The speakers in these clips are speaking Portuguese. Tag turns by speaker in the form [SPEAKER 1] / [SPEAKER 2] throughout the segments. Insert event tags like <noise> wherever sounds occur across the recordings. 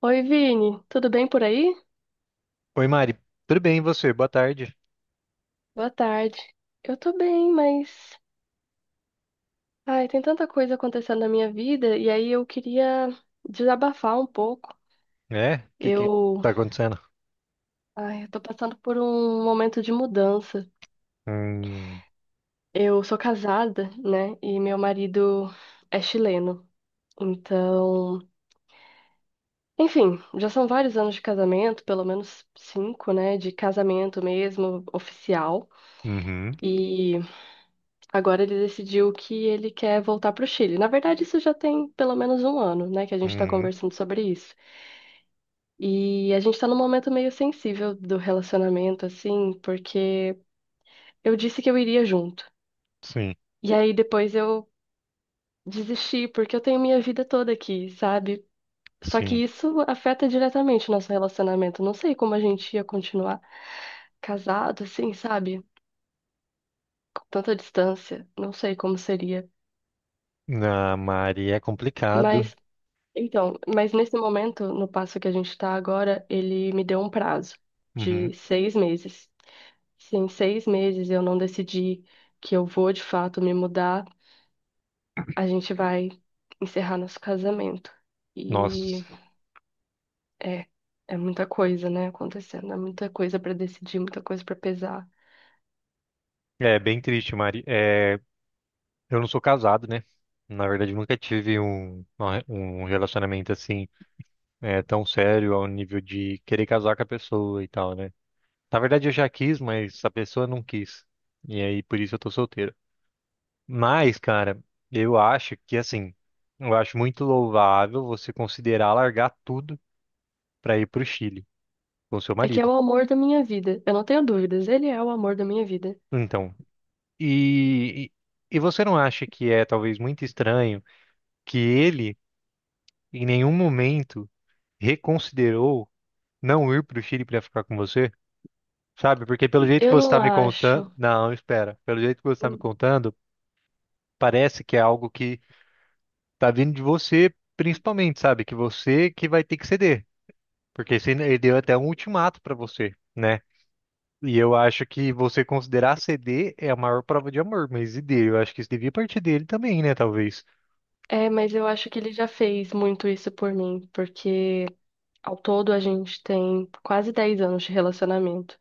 [SPEAKER 1] Oi, Vini, tudo bem por aí?
[SPEAKER 2] Oi, Mari. Tudo bem, e você? Boa tarde.
[SPEAKER 1] Boa tarde. Eu tô bem, mas ai, tem tanta coisa acontecendo na minha vida e aí eu queria desabafar um pouco.
[SPEAKER 2] É? O que que
[SPEAKER 1] Eu,
[SPEAKER 2] tá acontecendo?
[SPEAKER 1] ai, eu tô passando por um momento de mudança.
[SPEAKER 2] Hum.
[SPEAKER 1] Eu sou casada, né? E meu marido é chileno. Então, enfim, já são vários anos de casamento, pelo menos cinco, né? De casamento mesmo, oficial.
[SPEAKER 2] Uhum.
[SPEAKER 1] E Agora ele decidiu que ele quer voltar para o Chile. Na verdade, isso já tem pelo menos um ano, né, que a gente está
[SPEAKER 2] Uhum.
[SPEAKER 1] conversando sobre isso. E a gente está num momento meio sensível do relacionamento, assim, porque eu disse que eu iria junto.
[SPEAKER 2] Sim,
[SPEAKER 1] E aí depois eu desisti, porque eu tenho minha vida toda aqui, sabe? Só que
[SPEAKER 2] sim.
[SPEAKER 1] isso afeta diretamente o nosso relacionamento. Não sei como a gente ia continuar casado, assim, sabe? Com tanta distância. Não sei como seria.
[SPEAKER 2] Na Mari é complicado.
[SPEAKER 1] Mas Então, mas nesse momento, no passo que a gente está agora, ele me deu um prazo
[SPEAKER 2] Uhum.
[SPEAKER 1] de 6 meses. Se em 6 meses eu não decidir que eu vou de fato me mudar, a gente vai encerrar nosso casamento.
[SPEAKER 2] Nossa,
[SPEAKER 1] E é, é muita coisa, né, acontecendo. É muita coisa para decidir, muita coisa para pesar.
[SPEAKER 2] é bem triste, Mari. É, eu não sou casado, né? Na verdade, nunca tive um relacionamento assim, tão sério ao nível de querer casar com a pessoa e tal, né? Na verdade, eu já quis, mas a pessoa não quis. E aí, por isso eu tô solteiro. Mas, cara, eu acho que assim, eu acho muito louvável você considerar largar tudo para ir para o Chile com seu
[SPEAKER 1] É que é
[SPEAKER 2] marido.
[SPEAKER 1] o amor da minha vida. Eu não tenho dúvidas, ele é o amor da minha vida.
[SPEAKER 2] Então, e, e e você não acha que é talvez muito estranho que ele em nenhum momento reconsiderou não ir para o Chile para ficar com você? Sabe? Porque pelo jeito que
[SPEAKER 1] Eu
[SPEAKER 2] você
[SPEAKER 1] não
[SPEAKER 2] está me contando,
[SPEAKER 1] acho.
[SPEAKER 2] não, espera. Pelo jeito que você está me contando, parece que é algo que tá vindo de você, principalmente, sabe? Que você que vai ter que ceder. Porque ele deu até um ultimato pra você, né? E eu acho que você considerar ceder é a maior prova de amor, mas e dele? Eu acho que isso devia partir dele também, né? Talvez.
[SPEAKER 1] É, mas eu acho que ele já fez muito isso por mim, porque ao todo, a gente tem quase 10 anos de relacionamento.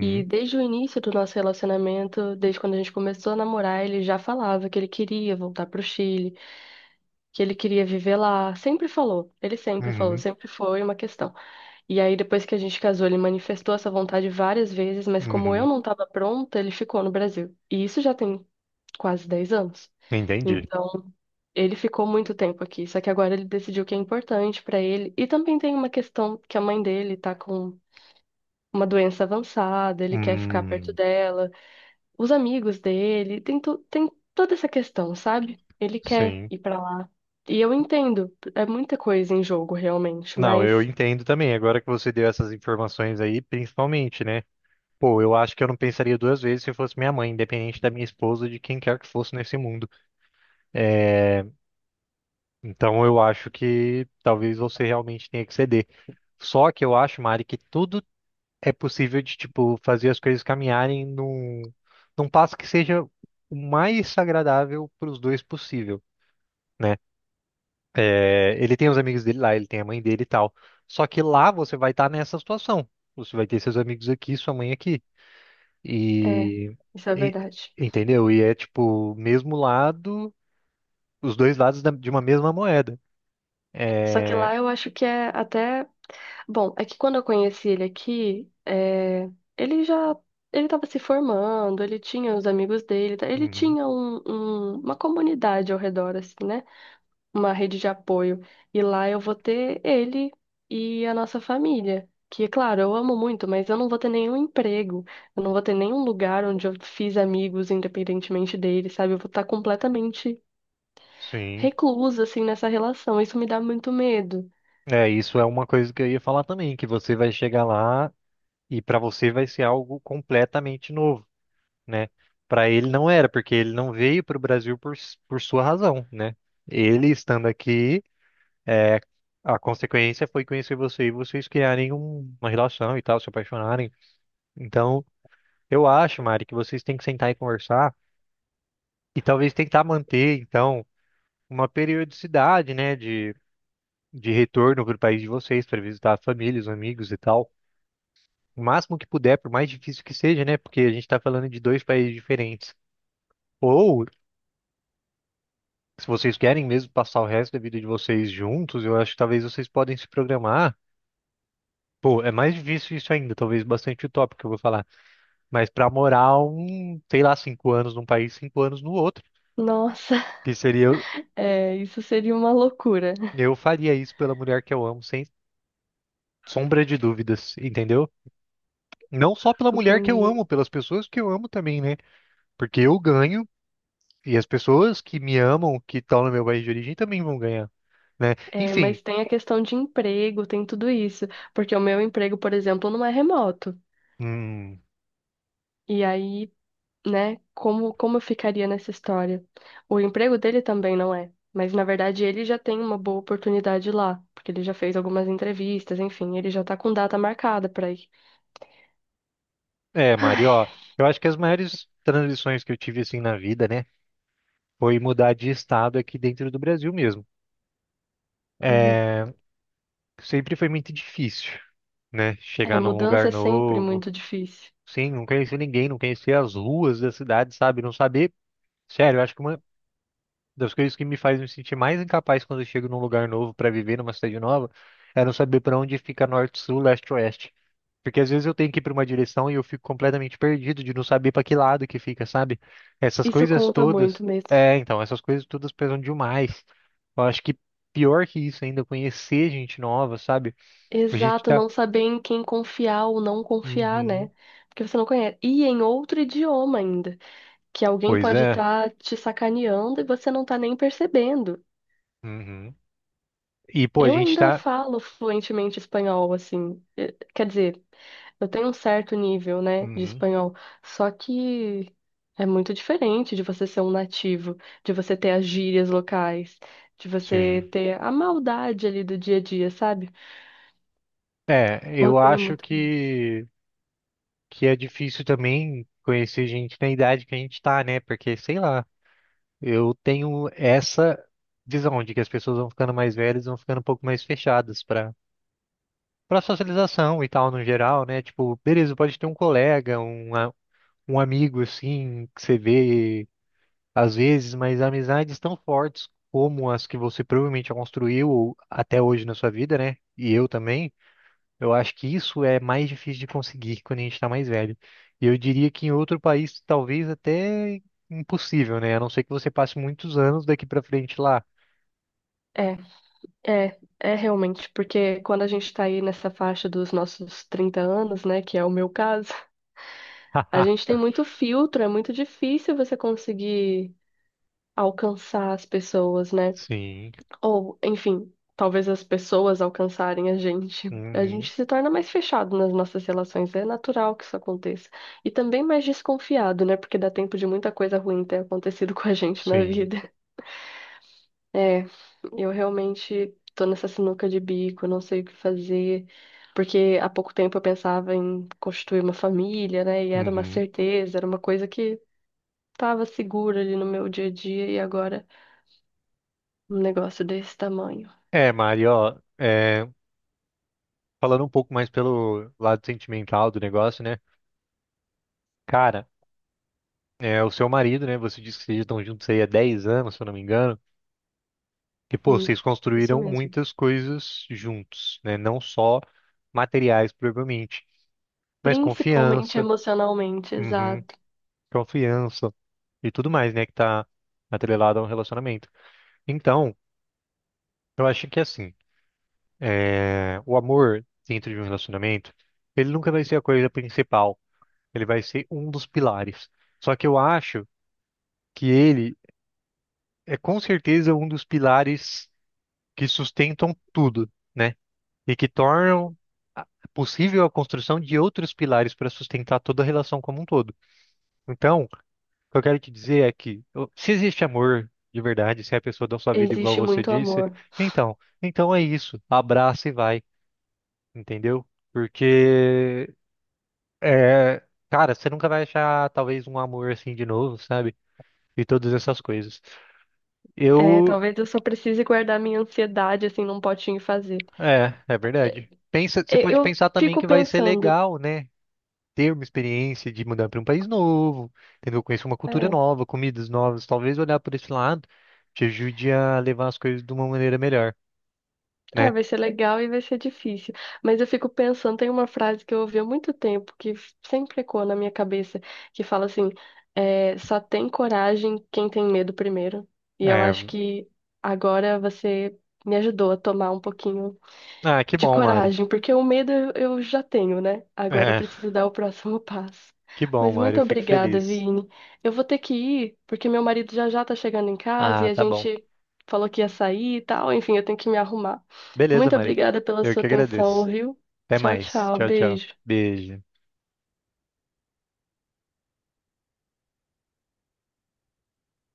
[SPEAKER 1] E desde o início do nosso relacionamento, desde quando a gente começou a namorar, ele já falava que ele queria voltar para o Chile, que ele queria viver lá. Sempre falou, ele sempre falou,
[SPEAKER 2] Uhum.
[SPEAKER 1] sempre foi uma questão. E aí, depois que a gente casou, ele manifestou essa vontade várias vezes, mas como eu
[SPEAKER 2] Uhum.
[SPEAKER 1] não estava pronta, ele ficou no Brasil. E isso já tem quase 10 anos.
[SPEAKER 2] Entendi.
[SPEAKER 1] Então, ele ficou muito tempo aqui, só que agora ele decidiu que é importante pra ele. E também tem uma questão que a mãe dele tá com uma doença avançada, ele quer ficar perto
[SPEAKER 2] Hum.
[SPEAKER 1] dela, os amigos dele, tem, tem toda essa questão, sabe? Ele quer
[SPEAKER 2] Sim.
[SPEAKER 1] ir pra lá. E eu entendo, é muita coisa em jogo realmente,
[SPEAKER 2] Não, eu
[SPEAKER 1] mas
[SPEAKER 2] entendo também. Agora que você deu essas informações aí, principalmente, né? Pô, eu acho que eu não pensaria duas vezes se fosse minha mãe, independente da minha esposa, de quem quer que fosse nesse mundo. Então eu acho que talvez você realmente tenha que ceder. Só que eu acho, Mari, que tudo é possível de, tipo, fazer as coisas caminharem num passo que seja o mais agradável para os dois possível, né? É, ele tem os amigos dele lá, ele tem a mãe dele e tal. Só que lá você vai estar nessa situação. Você vai ter seus amigos aqui, sua mãe aqui.
[SPEAKER 1] é,
[SPEAKER 2] E,
[SPEAKER 1] isso é
[SPEAKER 2] e-
[SPEAKER 1] verdade.
[SPEAKER 2] Entendeu? E é tipo, mesmo lado, os dois lados de uma mesma moeda.
[SPEAKER 1] Só que
[SPEAKER 2] É.
[SPEAKER 1] lá eu acho que é até. Bom, é que quando eu conheci ele aqui, ele já. Ele estava se formando, ele tinha os amigos dele, tá? Ele
[SPEAKER 2] Uhum.
[SPEAKER 1] tinha uma comunidade ao redor, assim, né? Uma rede de apoio. E lá eu vou ter ele e a nossa família. Que, claro, eu amo muito, mas eu não vou ter nenhum emprego, eu não vou ter nenhum lugar onde eu fiz amigos, independentemente dele, sabe? Eu vou estar completamente
[SPEAKER 2] Sim.
[SPEAKER 1] reclusa, assim, nessa relação. Isso me dá muito medo.
[SPEAKER 2] É, isso é uma coisa que eu ia falar também, que você vai chegar lá e para você vai ser algo completamente novo, né? Para ele não era, porque ele não veio para o Brasil por, por sua razão, né? Ele estando aqui, é, a consequência foi conhecer você e vocês criarem uma relação e tal, se apaixonarem. Então, eu acho, Mari, que vocês têm que sentar e conversar e talvez tentar manter, então, uma periodicidade, né, de retorno para o país de vocês, para visitar a família, os amigos e tal. O máximo que puder, por mais difícil que seja, né? Porque a gente está falando de dois países diferentes. Ou, se vocês querem mesmo passar o resto da vida de vocês juntos, eu acho que talvez vocês podem se programar. Pô, é mais difícil isso ainda, talvez bastante utópico que eu vou falar. Mas pra morar um, sei lá, 5 anos num país, 5 anos no outro.
[SPEAKER 1] Nossa,
[SPEAKER 2] Que seria, eu,
[SPEAKER 1] <laughs> é, isso seria uma loucura.
[SPEAKER 2] eu faria isso pela mulher que eu amo, sem sombra de dúvidas, entendeu? Não só pela mulher que eu
[SPEAKER 1] Entendi.
[SPEAKER 2] amo, pelas pessoas que eu amo também, né? Porque eu ganho e as pessoas que me amam, que estão no meu país de origem, também vão ganhar, né?
[SPEAKER 1] É,
[SPEAKER 2] Enfim.
[SPEAKER 1] mas tem a questão de emprego, tem tudo isso. Porque o meu emprego, por exemplo, não é remoto.
[SPEAKER 2] Hum.
[SPEAKER 1] E aí, né? Como, como eu ficaria nessa história? O emprego dele também não é, mas na verdade ele já tem uma boa oportunidade lá, porque ele já fez algumas entrevistas, enfim, ele já tá com data marcada pra ir.
[SPEAKER 2] É, Mari,
[SPEAKER 1] Ai,
[SPEAKER 2] ó, eu acho que as maiores transições que eu tive assim na vida, né, foi mudar de estado aqui dentro do Brasil mesmo.
[SPEAKER 1] uhum.
[SPEAKER 2] É, sempre foi muito difícil, né,
[SPEAKER 1] É,
[SPEAKER 2] chegar num
[SPEAKER 1] mudança
[SPEAKER 2] lugar
[SPEAKER 1] é sempre
[SPEAKER 2] novo.
[SPEAKER 1] muito difícil.
[SPEAKER 2] Sim, não conhecer ninguém, não conhecer as ruas da cidade, sabe? Não saber. Sério, eu acho que uma das coisas que me faz me sentir mais incapaz quando eu chego num lugar novo para viver numa cidade nova é não saber para onde fica norte, sul, leste, oeste. Porque às vezes eu tenho que ir para uma direção e eu fico completamente perdido de não saber para que lado que fica, sabe? Essas
[SPEAKER 1] Isso
[SPEAKER 2] coisas
[SPEAKER 1] conta
[SPEAKER 2] todas.
[SPEAKER 1] muito mesmo.
[SPEAKER 2] É, então, essas coisas todas pesam demais. Eu acho que pior que isso ainda, conhecer gente nova, sabe? A gente
[SPEAKER 1] Exato,
[SPEAKER 2] tá.
[SPEAKER 1] não saber em quem confiar ou não confiar,
[SPEAKER 2] Uhum.
[SPEAKER 1] né? Porque você não conhece. E em outro idioma ainda, que alguém
[SPEAKER 2] Pois
[SPEAKER 1] pode
[SPEAKER 2] é.
[SPEAKER 1] estar te sacaneando e você não tá nem percebendo.
[SPEAKER 2] Uhum. E, pô, a
[SPEAKER 1] Eu
[SPEAKER 2] gente
[SPEAKER 1] ainda
[SPEAKER 2] tá.
[SPEAKER 1] falo fluentemente espanhol, assim. Quer dizer, eu tenho um certo nível, né, de
[SPEAKER 2] Uhum.
[SPEAKER 1] espanhol. Só que é muito diferente de você ser um nativo, de você ter as gírias locais, de
[SPEAKER 2] Sim.
[SPEAKER 1] você ter a maldade ali do dia a dia, sabe?
[SPEAKER 2] É,
[SPEAKER 1] Eu
[SPEAKER 2] eu
[SPEAKER 1] tenho
[SPEAKER 2] acho
[SPEAKER 1] muito.
[SPEAKER 2] que é difícil também conhecer gente na idade que a gente tá, né? Porque, sei lá. Eu tenho essa visão de que as pessoas vão ficando mais velhas, vão ficando um pouco mais fechadas para socialização e tal no geral, né? Tipo, beleza, pode ter um colega, um amigo assim que você vê às vezes, mas amizades tão fortes como as que você provavelmente construiu ou até hoje na sua vida, né? E eu também, eu acho que isso é mais difícil de conseguir quando a gente está mais velho. E eu diria que em outro país talvez até impossível, né? A não ser que você passe muitos anos daqui para frente lá.
[SPEAKER 1] É, é realmente, porque quando a gente tá aí nessa faixa dos nossos 30 anos, né, que é o meu caso, a gente
[SPEAKER 2] <laughs>
[SPEAKER 1] tem muito filtro, é muito difícil você conseguir alcançar as pessoas, né?
[SPEAKER 2] Sim.
[SPEAKER 1] Ou, enfim, talvez as pessoas alcançarem a gente. A
[SPEAKER 2] Uhum.
[SPEAKER 1] gente se torna mais fechado nas nossas relações. É natural que isso aconteça. E também mais desconfiado, né? Porque dá tempo de muita coisa ruim ter acontecido <laughs> com a gente na
[SPEAKER 2] Sim.
[SPEAKER 1] vida. É, eu realmente tô nessa sinuca de bico, não sei o que fazer. Porque há pouco tempo eu pensava em constituir uma família, né? E era uma
[SPEAKER 2] Uhum.
[SPEAKER 1] certeza, era uma coisa que estava segura ali no meu dia a dia. E agora um negócio desse tamanho.
[SPEAKER 2] É, Mari, ó, falando um pouco mais pelo lado sentimental do negócio, né? Cara, o seu marido, né? Você disse que vocês estão juntos aí há 10 anos, se eu não me engano. E, pô,
[SPEAKER 1] Hum,
[SPEAKER 2] vocês
[SPEAKER 1] isso
[SPEAKER 2] construíram
[SPEAKER 1] mesmo.
[SPEAKER 2] muitas coisas juntos, né? Não só materiais, provavelmente, mas
[SPEAKER 1] Principalmente
[SPEAKER 2] confiança,
[SPEAKER 1] emocionalmente,
[SPEAKER 2] uhum,
[SPEAKER 1] exato.
[SPEAKER 2] confiança e tudo mais, né? Que tá atrelado a um relacionamento. Então, eu acho que assim. É, o amor dentro de um relacionamento, ele nunca vai ser a coisa principal. Ele vai ser um dos pilares. Só que eu acho que ele é com certeza um dos pilares que sustentam tudo, né? E que tornam a- possível a construção de outros pilares para sustentar toda a relação como um todo. Então, o que eu quero te dizer é que se existe amor de verdade, se a pessoa dá sua vida igual
[SPEAKER 1] Existe
[SPEAKER 2] você
[SPEAKER 1] muito
[SPEAKER 2] disse,
[SPEAKER 1] amor.
[SPEAKER 2] então, então é isso. Abraça e vai, entendeu? Porque é, cara, você nunca vai achar talvez um amor assim de novo, sabe? E todas essas coisas.
[SPEAKER 1] É,
[SPEAKER 2] Eu,
[SPEAKER 1] talvez eu só precise guardar minha ansiedade assim num potinho e fazer.
[SPEAKER 2] é, é verdade. Pensa, você pode
[SPEAKER 1] Eu
[SPEAKER 2] pensar também
[SPEAKER 1] fico
[SPEAKER 2] que vai ser
[SPEAKER 1] pensando,
[SPEAKER 2] legal, né? Ter uma experiência de mudar para um país novo, entendeu? Conhecer uma cultura
[SPEAKER 1] é,
[SPEAKER 2] nova, comidas novas, talvez olhar por esse lado te ajude a levar as coisas de uma maneira melhor, né?
[SPEAKER 1] vai ser legal e vai ser difícil. Mas eu fico pensando, tem uma frase que eu ouvi há muito tempo que sempre ecoa na minha cabeça, que fala assim, é, só tem coragem quem tem medo primeiro. E eu
[SPEAKER 2] É,
[SPEAKER 1] acho que agora você me ajudou a tomar um pouquinho
[SPEAKER 2] ah, que
[SPEAKER 1] de
[SPEAKER 2] bom, Mari.
[SPEAKER 1] coragem, porque o medo eu já tenho, né? Agora eu
[SPEAKER 2] É,
[SPEAKER 1] preciso dar o próximo <laughs> passo.
[SPEAKER 2] <laughs> que bom,
[SPEAKER 1] Mas
[SPEAKER 2] Mari,
[SPEAKER 1] muito
[SPEAKER 2] eu fico
[SPEAKER 1] obrigada,
[SPEAKER 2] feliz.
[SPEAKER 1] Vini. Eu vou ter que ir, porque meu marido já já tá chegando em casa e
[SPEAKER 2] Ah,
[SPEAKER 1] a
[SPEAKER 2] tá bom.
[SPEAKER 1] gente falou que ia sair e tal. Enfim, eu tenho que me arrumar.
[SPEAKER 2] Beleza,
[SPEAKER 1] Muito
[SPEAKER 2] Mari.
[SPEAKER 1] obrigada pela
[SPEAKER 2] Eu
[SPEAKER 1] sua
[SPEAKER 2] que
[SPEAKER 1] atenção,
[SPEAKER 2] agradeço.
[SPEAKER 1] viu?
[SPEAKER 2] Até
[SPEAKER 1] Tchau,
[SPEAKER 2] mais.
[SPEAKER 1] tchau.
[SPEAKER 2] Tchau, tchau.
[SPEAKER 1] Beijo.
[SPEAKER 2] Beijo.